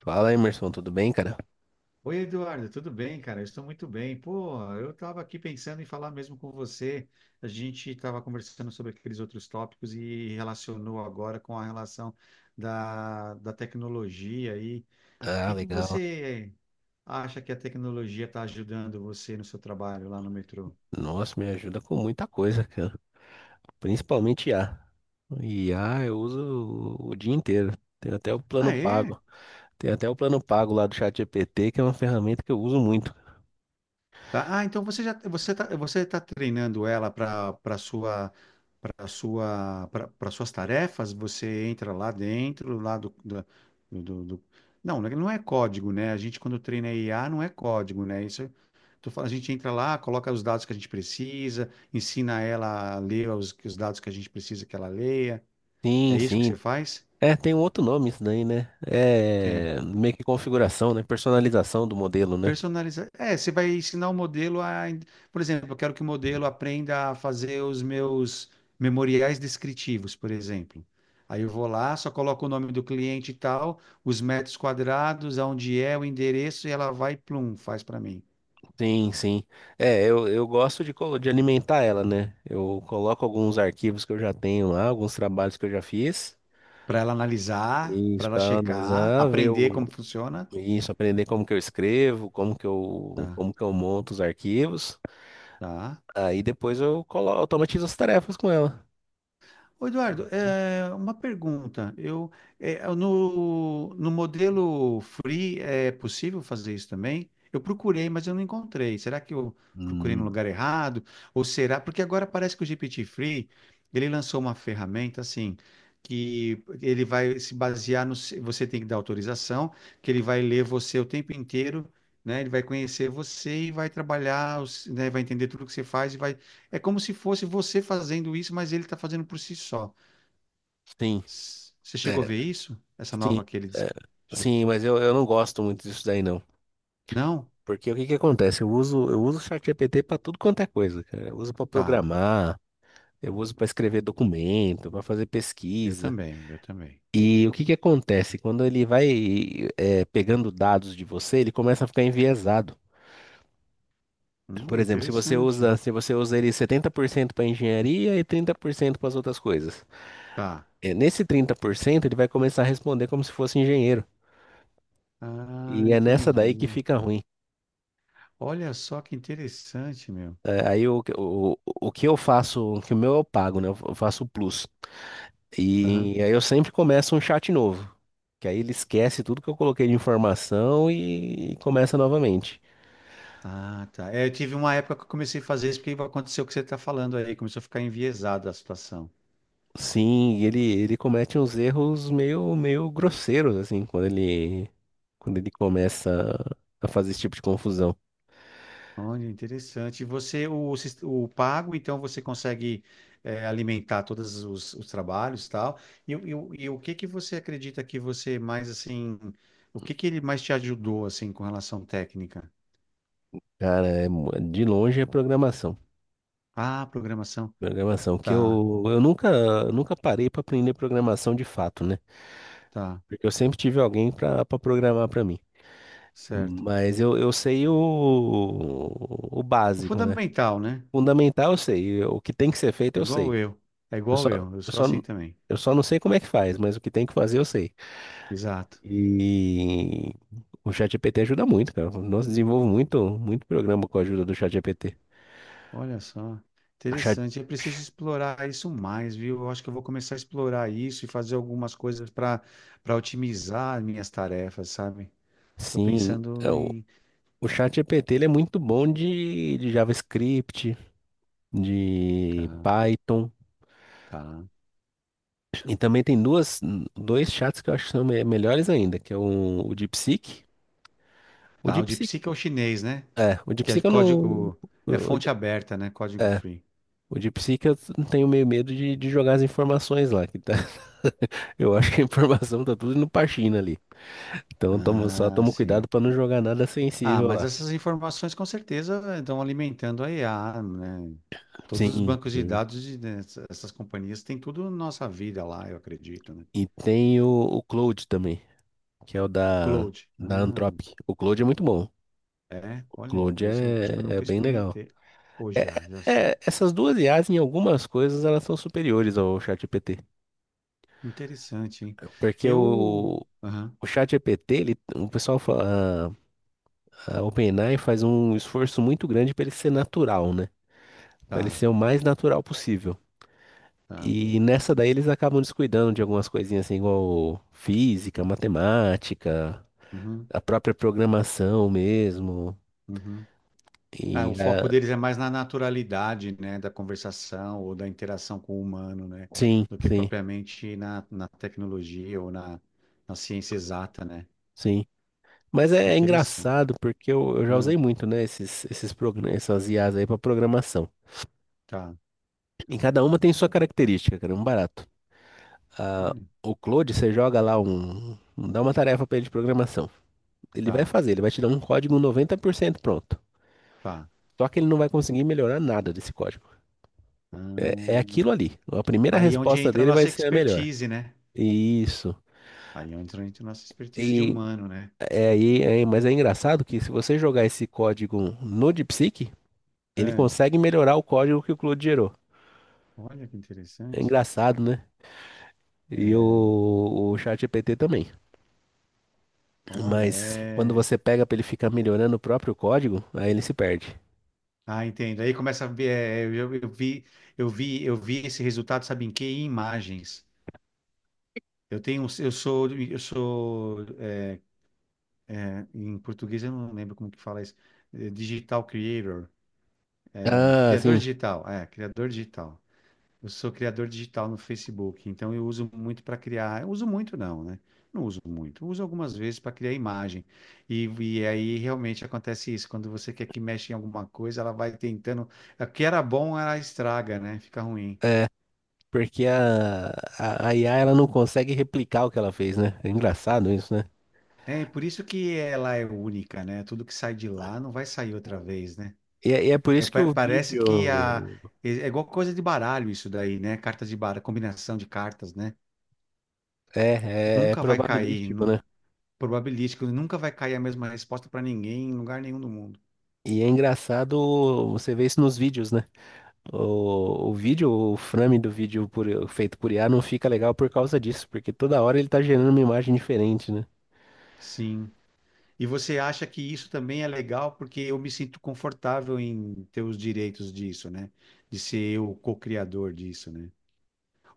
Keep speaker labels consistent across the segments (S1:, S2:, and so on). S1: Fala, Emerson, tudo bem, cara?
S2: Oi, Eduardo, tudo bem, cara? Eu estou muito bem. Pô, eu estava aqui pensando em falar mesmo com você. A gente estava conversando sobre aqueles outros tópicos e relacionou agora com a relação da tecnologia. E o que
S1: Ah,
S2: que
S1: legal.
S2: você acha que a tecnologia está ajudando você no seu trabalho lá no metrô?
S1: Nossa, me ajuda com muita coisa, cara. Principalmente I a. IA. A Eu uso o dia inteiro. Tem até o
S2: Ah,
S1: plano
S2: é?
S1: pago. Tem até o plano pago lá do ChatGPT, que é uma ferramenta que eu uso muito.
S2: Tá? Ah, então você tá treinando ela para suas tarefas, você entra lá dentro, lá do, do, do, do- não, né, não é código, né? A gente quando treina IA não é código, né? Isso tô falando, a gente entra lá, coloca os dados que a gente precisa, ensina ela a ler os dados que a gente precisa que ela leia.
S1: Sim,
S2: É isso que
S1: sim.
S2: você faz?
S1: É, tem um outro nome isso daí, né? É meio que configuração, né? Personalização do modelo, né?
S2: Personalizar. É, você vai ensinar o modelo a. Por exemplo, eu quero que o modelo aprenda a fazer os meus memoriais descritivos, por exemplo. Aí eu vou lá, só coloco o nome do cliente e tal, os metros quadrados, aonde é, o endereço, e ela vai, plum, faz para mim.
S1: Sim, sim. É, eu gosto de, de alimentar ela, né? Eu coloco alguns arquivos que eu já tenho lá, alguns trabalhos que eu já fiz.
S2: Para ela analisar, para
S1: Isso,
S2: ela
S1: para
S2: checar,
S1: analisar, ver
S2: aprender como funciona.
S1: isso, aprender como que eu escrevo,
S2: Tá,
S1: como que eu monto os arquivos.
S2: tá.
S1: Aí depois eu colo, automatizo as tarefas com ela.
S2: Ô, Eduardo, é, uma pergunta. Eu, é, no, no modelo free é possível fazer isso também? Eu procurei, mas eu não encontrei. Será que eu procurei no
S1: Hum,
S2: lugar errado? Ou será? Porque agora parece que o GPT Free, ele lançou uma ferramenta assim, que ele vai se basear no. Você tem que dar autorização, que ele vai ler você o tempo inteiro. Né, ele vai conhecer você e vai trabalhar, né, vai entender tudo que você faz e vai é como se fosse você fazendo isso, mas ele está fazendo por si só.
S1: sim,
S2: Você chegou a
S1: é,
S2: ver isso? Essa
S1: sim,
S2: nova que ele
S1: é,
S2: chegou?
S1: sim, mas eu não gosto muito disso daí não.
S2: Não?
S1: Porque o que que acontece? Eu uso o ChatGPT para tudo quanto é coisa, cara. Eu uso para
S2: Tá.
S1: programar, eu uso para escrever documento, para fazer
S2: Eu
S1: pesquisa.
S2: também, eu também.
S1: E o que que acontece? Quando ele vai, pegando dados de você, ele começa a ficar enviesado. Por exemplo, se você
S2: Interessante.
S1: usa, se você usa ele 70% para engenharia e 30% para as outras coisas.
S2: Tá.
S1: É, nesse 30% ele vai começar a responder como se fosse engenheiro.
S2: Ah,
S1: E é nessa daí que
S2: entendi.
S1: fica ruim.
S2: Olha só que interessante, meu.
S1: É, aí o que eu faço, o que o meu eu pago, né? Eu faço o plus.
S2: Aham.
S1: E aí eu sempre começo um chat novo. Que aí ele esquece tudo que eu coloquei de informação e começa novamente.
S2: Ah, tá. É, eu tive uma época que eu comecei a fazer isso porque aconteceu o que você está falando aí. Começou a ficar enviesada a situação.
S1: Sim, e ele comete uns erros meio, meio grosseiros, assim, quando ele começa a fazer esse tipo de confusão.
S2: Olha, interessante. E você, o pago, então você consegue alimentar todos os trabalhos e tal. E o que que você acredita que você mais, assim, o que que ele mais te ajudou, assim, com relação técnica?
S1: Cara, de longe é programação.
S2: Ah, programação.
S1: Programação, que
S2: Tá,
S1: eu nunca, nunca parei para aprender programação de fato, né?
S2: tá,
S1: Porque eu sempre tive alguém para programar para mim.
S2: certo.
S1: Mas eu sei o
S2: O
S1: básico, né?
S2: fundamental, né?
S1: Fundamental eu sei, o que tem que ser feito eu sei.
S2: Igual eu. É
S1: Eu
S2: igual
S1: só,
S2: eu. Eu
S1: eu
S2: sou
S1: só,
S2: assim também.
S1: eu só não sei como é que faz, mas o que tem que fazer eu sei.
S2: Exato.
S1: E o ChatGPT ajuda muito, cara. Nós desenvolvo muito, muito programa com a ajuda do ChatGPT.
S2: Olha só,
S1: O Chat...
S2: interessante. É preciso explorar isso mais, viu? Eu acho que eu vou começar a explorar isso e fazer algumas coisas para otimizar minhas tarefas, sabe? Tô
S1: Sim,
S2: pensando
S1: o,
S2: em.
S1: o ChatGPT ele é muito bom de JavaScript,
S2: Tá,
S1: de Python.
S2: tá.
S1: E também tem duas, dois chats que eu acho que são melhores ainda, que é o DeepSeek. O
S2: Tá, o de
S1: DeepSeek,
S2: psique é o chinês, né?
S1: é, o
S2: Que é
S1: DeepSeek eu não...
S2: código. É fonte
S1: o-
S2: aberta, né? Código
S1: é,
S2: free.
S1: o DeepSeek eu tenho meio medo de jogar as informações lá, Eu acho que a informação tá tudo no Parchina ali. Então só
S2: Ah,
S1: toma cuidado
S2: sim.
S1: pra não jogar nada
S2: Ah,
S1: sensível
S2: mas
S1: lá.
S2: essas informações com certeza estão alimentando a IA, né? Todos os
S1: Sim,
S2: bancos de
S1: sim.
S2: dados dessas companhias têm tudo nossa vida lá, eu acredito, né?
S1: E tem o Cloud também, que é o da,
S2: Cloud.
S1: da
S2: Ah.
S1: Anthropic. O Cloud é muito bom.
S2: É,
S1: O
S2: olha,
S1: Cloud
S2: esse eu acho que eu
S1: é
S2: nunca
S1: bem legal.
S2: experimentei. Ou
S1: É-
S2: já, já sim.
S1: Essas duas IAs, em algumas coisas, elas são superiores ao ChatGPT.
S2: Interessante, hein?
S1: Porque
S2: Eu.
S1: o,
S2: Aham,
S1: o ChatGPT, o pessoal fala, a OpenAI faz um esforço muito grande para ele ser natural, né? Para ele
S2: tá,
S1: ser o mais natural possível.
S2: tá.
S1: E nessa daí eles acabam descuidando de algumas coisinhas assim, igual física, matemática,
S2: Uhum,
S1: a própria programação mesmo.
S2: uhum. Ah, o
S1: E
S2: foco
S1: ah,
S2: deles é mais na naturalidade, né, da conversação ou da interação com o humano, né,
S1: sim,
S2: do que
S1: sim,
S2: propriamente na tecnologia ou na ciência exata, né?
S1: sim. Mas é
S2: Interessante.
S1: engraçado porque eu já
S2: Ah,
S1: usei muito, né, essas IAs aí para programação.
S2: tá,
S1: E cada uma tem sua característica, cara, é um barato. Ah,
S2: olha,
S1: o Claude, você joga lá dá uma tarefa para ele de programação. Ele vai
S2: tá,
S1: fazer, ele vai te dar um código 90% pronto.
S2: tá.
S1: Só que ele não vai conseguir melhorar nada desse código. É aquilo
S2: Hum.
S1: ali. A primeira
S2: Aí é onde
S1: resposta
S2: entra a
S1: dele vai
S2: nossa
S1: ser a melhor.
S2: expertise, né?
S1: Isso.
S2: Aí é onde entra a nossa expertise de
S1: E
S2: humano, né?
S1: é aí, mas é engraçado que se você jogar esse código no DeepSeek, ele consegue melhorar o código que o Claude gerou.
S2: Olha que
S1: É
S2: interessante.
S1: engraçado, né? E
S2: É,
S1: o ChatGPT também.
S2: olha,
S1: Mas quando
S2: é.
S1: você pega para ele ficar melhorando o próprio código, aí ele se perde.
S2: Ah, entendo. Aí começa a ver. É, eu vi esse resultado, sabe em quê? Em imagens. Eu sou, em português eu não lembro como que fala isso. É, Digital creator, é,
S1: Ah,
S2: criador
S1: sim.
S2: digital. É, criador digital. Eu sou criador digital no Facebook, então eu uso muito para criar. Eu uso muito, não, né? Não uso muito. Uso algumas vezes para criar imagem. E aí realmente acontece isso. Quando você quer que mexa em alguma coisa, ela vai tentando. O que era bom, ela estraga, né? Fica ruim.
S1: É, porque a IA ela não consegue replicar o que ela fez, né? É engraçado isso, né?
S2: É por isso que ela é única, né? Tudo que sai de lá não vai sair outra vez, né?
S1: E, é por
S2: É,
S1: isso que o
S2: parece que a.
S1: vídeo.
S2: É igual coisa de baralho isso daí, né? Cartas de baralho, combinação de cartas, né?
S1: É
S2: Nunca vai cair.
S1: probabilístico, né?
S2: Probabilístico, nunca vai cair a mesma resposta para ninguém em lugar nenhum do mundo.
S1: E é engraçado você ver isso nos vídeos, né? O vídeo, o frame do vídeo feito por IA não fica legal por causa disso, porque toda hora ele tá gerando uma imagem diferente, né?
S2: Sim. E você acha que isso também é legal porque eu me sinto confortável em ter os direitos disso, né? De ser eu o co-criador disso, né?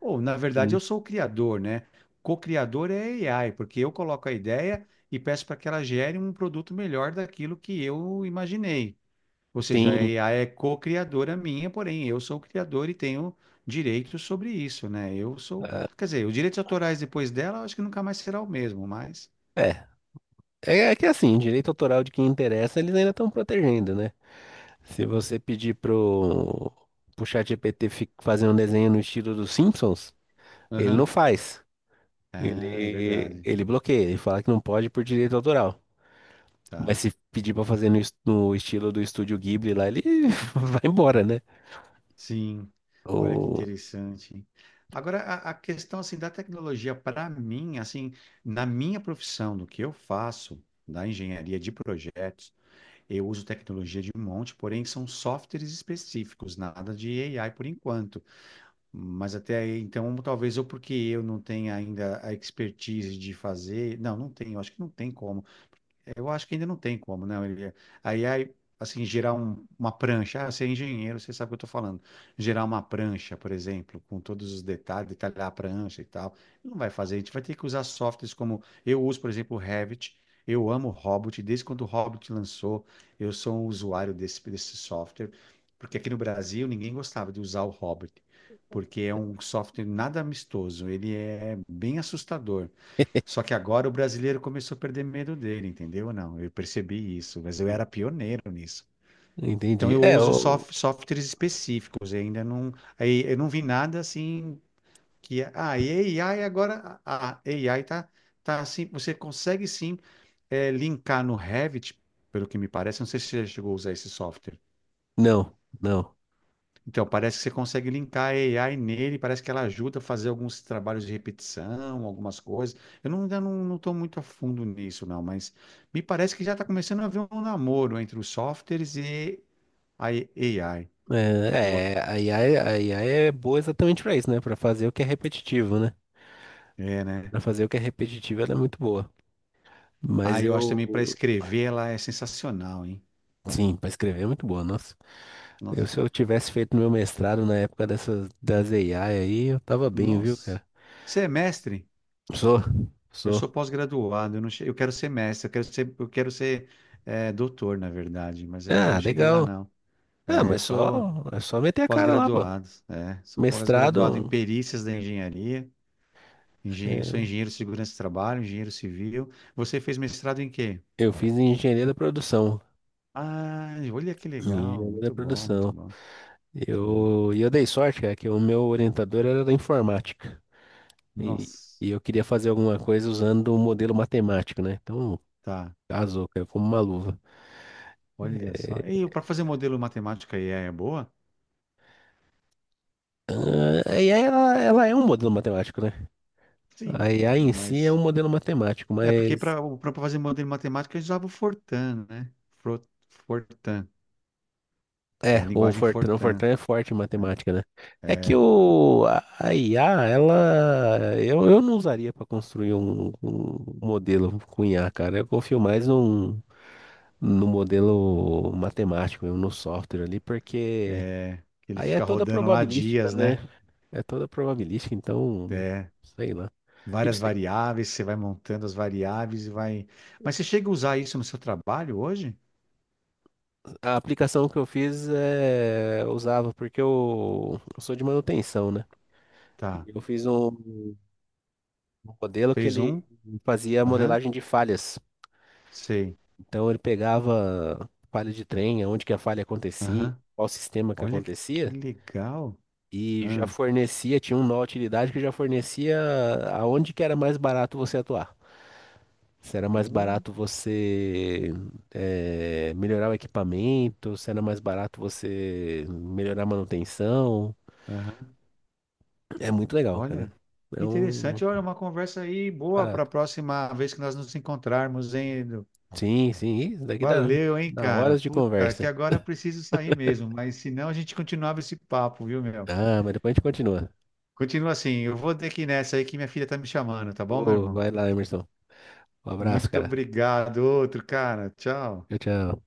S2: Ou, na verdade,
S1: Sim.
S2: eu sou o criador, né? Co-criador é AI, porque eu coloco a ideia e peço para que ela gere um produto melhor daquilo que eu imaginei. Ou seja, a
S1: Sim.
S2: IA é co-criadora minha, porém eu sou o criador e tenho direitos sobre isso, né? Eu sou,
S1: ah,
S2: quer dizer, os direitos autorais depois dela, eu acho que nunca mais será o mesmo, mas.
S1: É. É que assim, direito autoral de quem interessa, eles ainda estão protegendo, né? Se você pedir pro ChatGPT fazer um desenho no estilo dos Simpsons, ele não
S2: Aham.
S1: faz.
S2: Ah, é
S1: Ele,
S2: verdade.
S1: ele bloqueia, ele fala que não pode por direito autoral. Mas
S2: Tá.
S1: se pedir pra fazer no estilo do estúdio Ghibli lá, ele vai embora, né?
S2: Sim. Olha que
S1: O...
S2: interessante, hein? Agora, a questão assim da tecnologia para mim, assim, na minha profissão, no que eu faço, da engenharia de projetos, eu uso tecnologia de um monte, porém são softwares específicos, nada de AI por enquanto. Mas até aí, então, talvez eu, porque eu não tenha ainda a expertise de fazer. Não, não tenho, acho que não tem como. Eu acho que ainda não tem como, né? Ele, aí, assim, gerar uma prancha. Ah, você é engenheiro, você sabe o que eu estou falando. Gerar uma prancha, por exemplo, com todos os detalhes, detalhar a prancha e tal. Não vai fazer. A gente vai ter que usar softwares como. Eu uso, por exemplo, o Revit. Eu amo o Hobbit. Desde quando o Hobbit lançou, eu sou um usuário desse software. Porque aqui no Brasil, ninguém gostava de usar o Hobbit. Porque é um software nada amistoso. Ele é bem assustador. Só que agora o brasileiro começou a perder medo dele, entendeu? Não, eu percebi isso, mas eu era pioneiro nisso. Então
S1: Entendi.
S2: eu uso softwares específicos, eu ainda não, aí eu não vi nada assim que é, ah, e AI agora, a AI tá assim, você consegue sim linkar no Revit, pelo que me parece, não sei se você já chegou a usar esse software.
S1: Não, não.
S2: Então, parece que você consegue linkar a AI nele, parece que ela ajuda a fazer alguns trabalhos de repetição, algumas coisas. Eu não, ainda não estou muito a fundo nisso, não, mas me parece que já está começando a haver um namoro entre os softwares e a AI. Eu, ac-
S1: É, é, a IA, a IA é boa exatamente pra isso, né? Pra fazer o que é repetitivo, né?
S2: É, né?
S1: Pra fazer o que é repetitivo, ela é muito boa.
S2: Ah,
S1: Mas
S2: eu acho também para
S1: eu...
S2: escrever ela é sensacional, hein?
S1: Sim, pra escrever é muito boa, nossa.
S2: Nossa,
S1: Se eu tivesse feito meu mestrado na época das AI aí, eu tava bem, viu,
S2: nossa.
S1: cara?
S2: Você é mestre?
S1: Sou,
S2: Eu
S1: sou.
S2: sou pós-graduado, eu, não che- eu quero ser mestre, eu quero ser doutor, na verdade, mas eu ainda não
S1: Ah,
S2: cheguei lá,
S1: legal.
S2: não.
S1: Ah,
S2: É, eu
S1: mas
S2: sou.
S1: é só meter a cara lá, pô.
S2: Pós-graduados, é. Sou pós-graduado em
S1: Mestrado.
S2: perícias da engenharia. Sou
S1: É,
S2: engenheiro de segurança do trabalho, engenheiro civil. Você fez mestrado em quê?
S1: Eu fiz engenharia da produção.
S2: Ah, olha que legal.
S1: Engenharia da
S2: Muito bom, muito
S1: produção.
S2: bom, muito bom.
S1: Eu dei sorte, cara, que o meu orientador era da informática. E,
S2: Nossa,
S1: e eu queria fazer alguma coisa usando o modelo matemático, né? Então,
S2: tá.
S1: casou, caiu como uma luva.
S2: Olha só. E para fazer modelo matemática IA é boa?
S1: Ah, e aí ela é um modelo matemático, né?
S2: Sim,
S1: A IA em si é
S2: mas
S1: um modelo matemático,
S2: é porque
S1: mas
S2: para fazer modelo matemática a gente usava o Fortran, né? Fro- Fortran, é a
S1: O
S2: linguagem
S1: Fortran, o
S2: Fortran.
S1: Fortran é forte em matemática, né? É que o, a IA, ela. Eu não usaria para construir um modelo com IA, cara. Eu confio mais no modelo matemático, no software ali, porque
S2: Ele
S1: aí é
S2: fica
S1: toda
S2: rodando lá
S1: probabilística,
S2: dias,
S1: né?
S2: né?
S1: É toda probabilística, então.
S2: É.
S1: Sei lá. Eu
S2: Várias
S1: sei-
S2: variáveis, você vai montando as variáveis e vai. Mas você chega a usar isso no seu trabalho hoje?
S1: A aplicação que eu fiz usava, porque eu sou de manutenção, né?
S2: Tá.
S1: E Eu fiz um. Um modelo que
S2: Fez
S1: ele
S2: um?
S1: fazia
S2: Aham.
S1: modelagem de falhas.
S2: Sei.
S1: Então ele pegava falha de trem, onde que a falha acontecia,
S2: Aham.
S1: qual sistema que
S2: Olha que
S1: acontecia,
S2: legal.
S1: e já
S2: Ah.
S1: fornecia, tinha uma utilidade que já fornecia aonde que era mais barato você atuar. Se era mais
S2: Uh,
S1: barato você melhorar o equipamento, se era mais barato você melhorar a manutenção.
S2: Aham.
S1: É muito legal, cara.
S2: Olha.
S1: É um
S2: Interessante. Olha, uma conversa aí boa para a
S1: barato.
S2: próxima vez que nós nos encontrarmos, hein? Edu?
S1: Sim, sim. Isso daqui dá,
S2: Valeu, hein,
S1: dá
S2: cara?
S1: horas de
S2: Puta, que
S1: conversa.
S2: agora eu preciso sair mesmo, mas senão a gente continuava esse papo, viu, meu?
S1: Ah, mas depois a gente continua.
S2: Continua assim. Eu vou ter que ir nessa aí que minha filha tá me chamando, tá bom, meu
S1: Ô,
S2: irmão?
S1: vai lá, Emerson. Um abraço,
S2: Muito
S1: cara.
S2: obrigado, outro cara. Tchau.
S1: Tchau, tchau.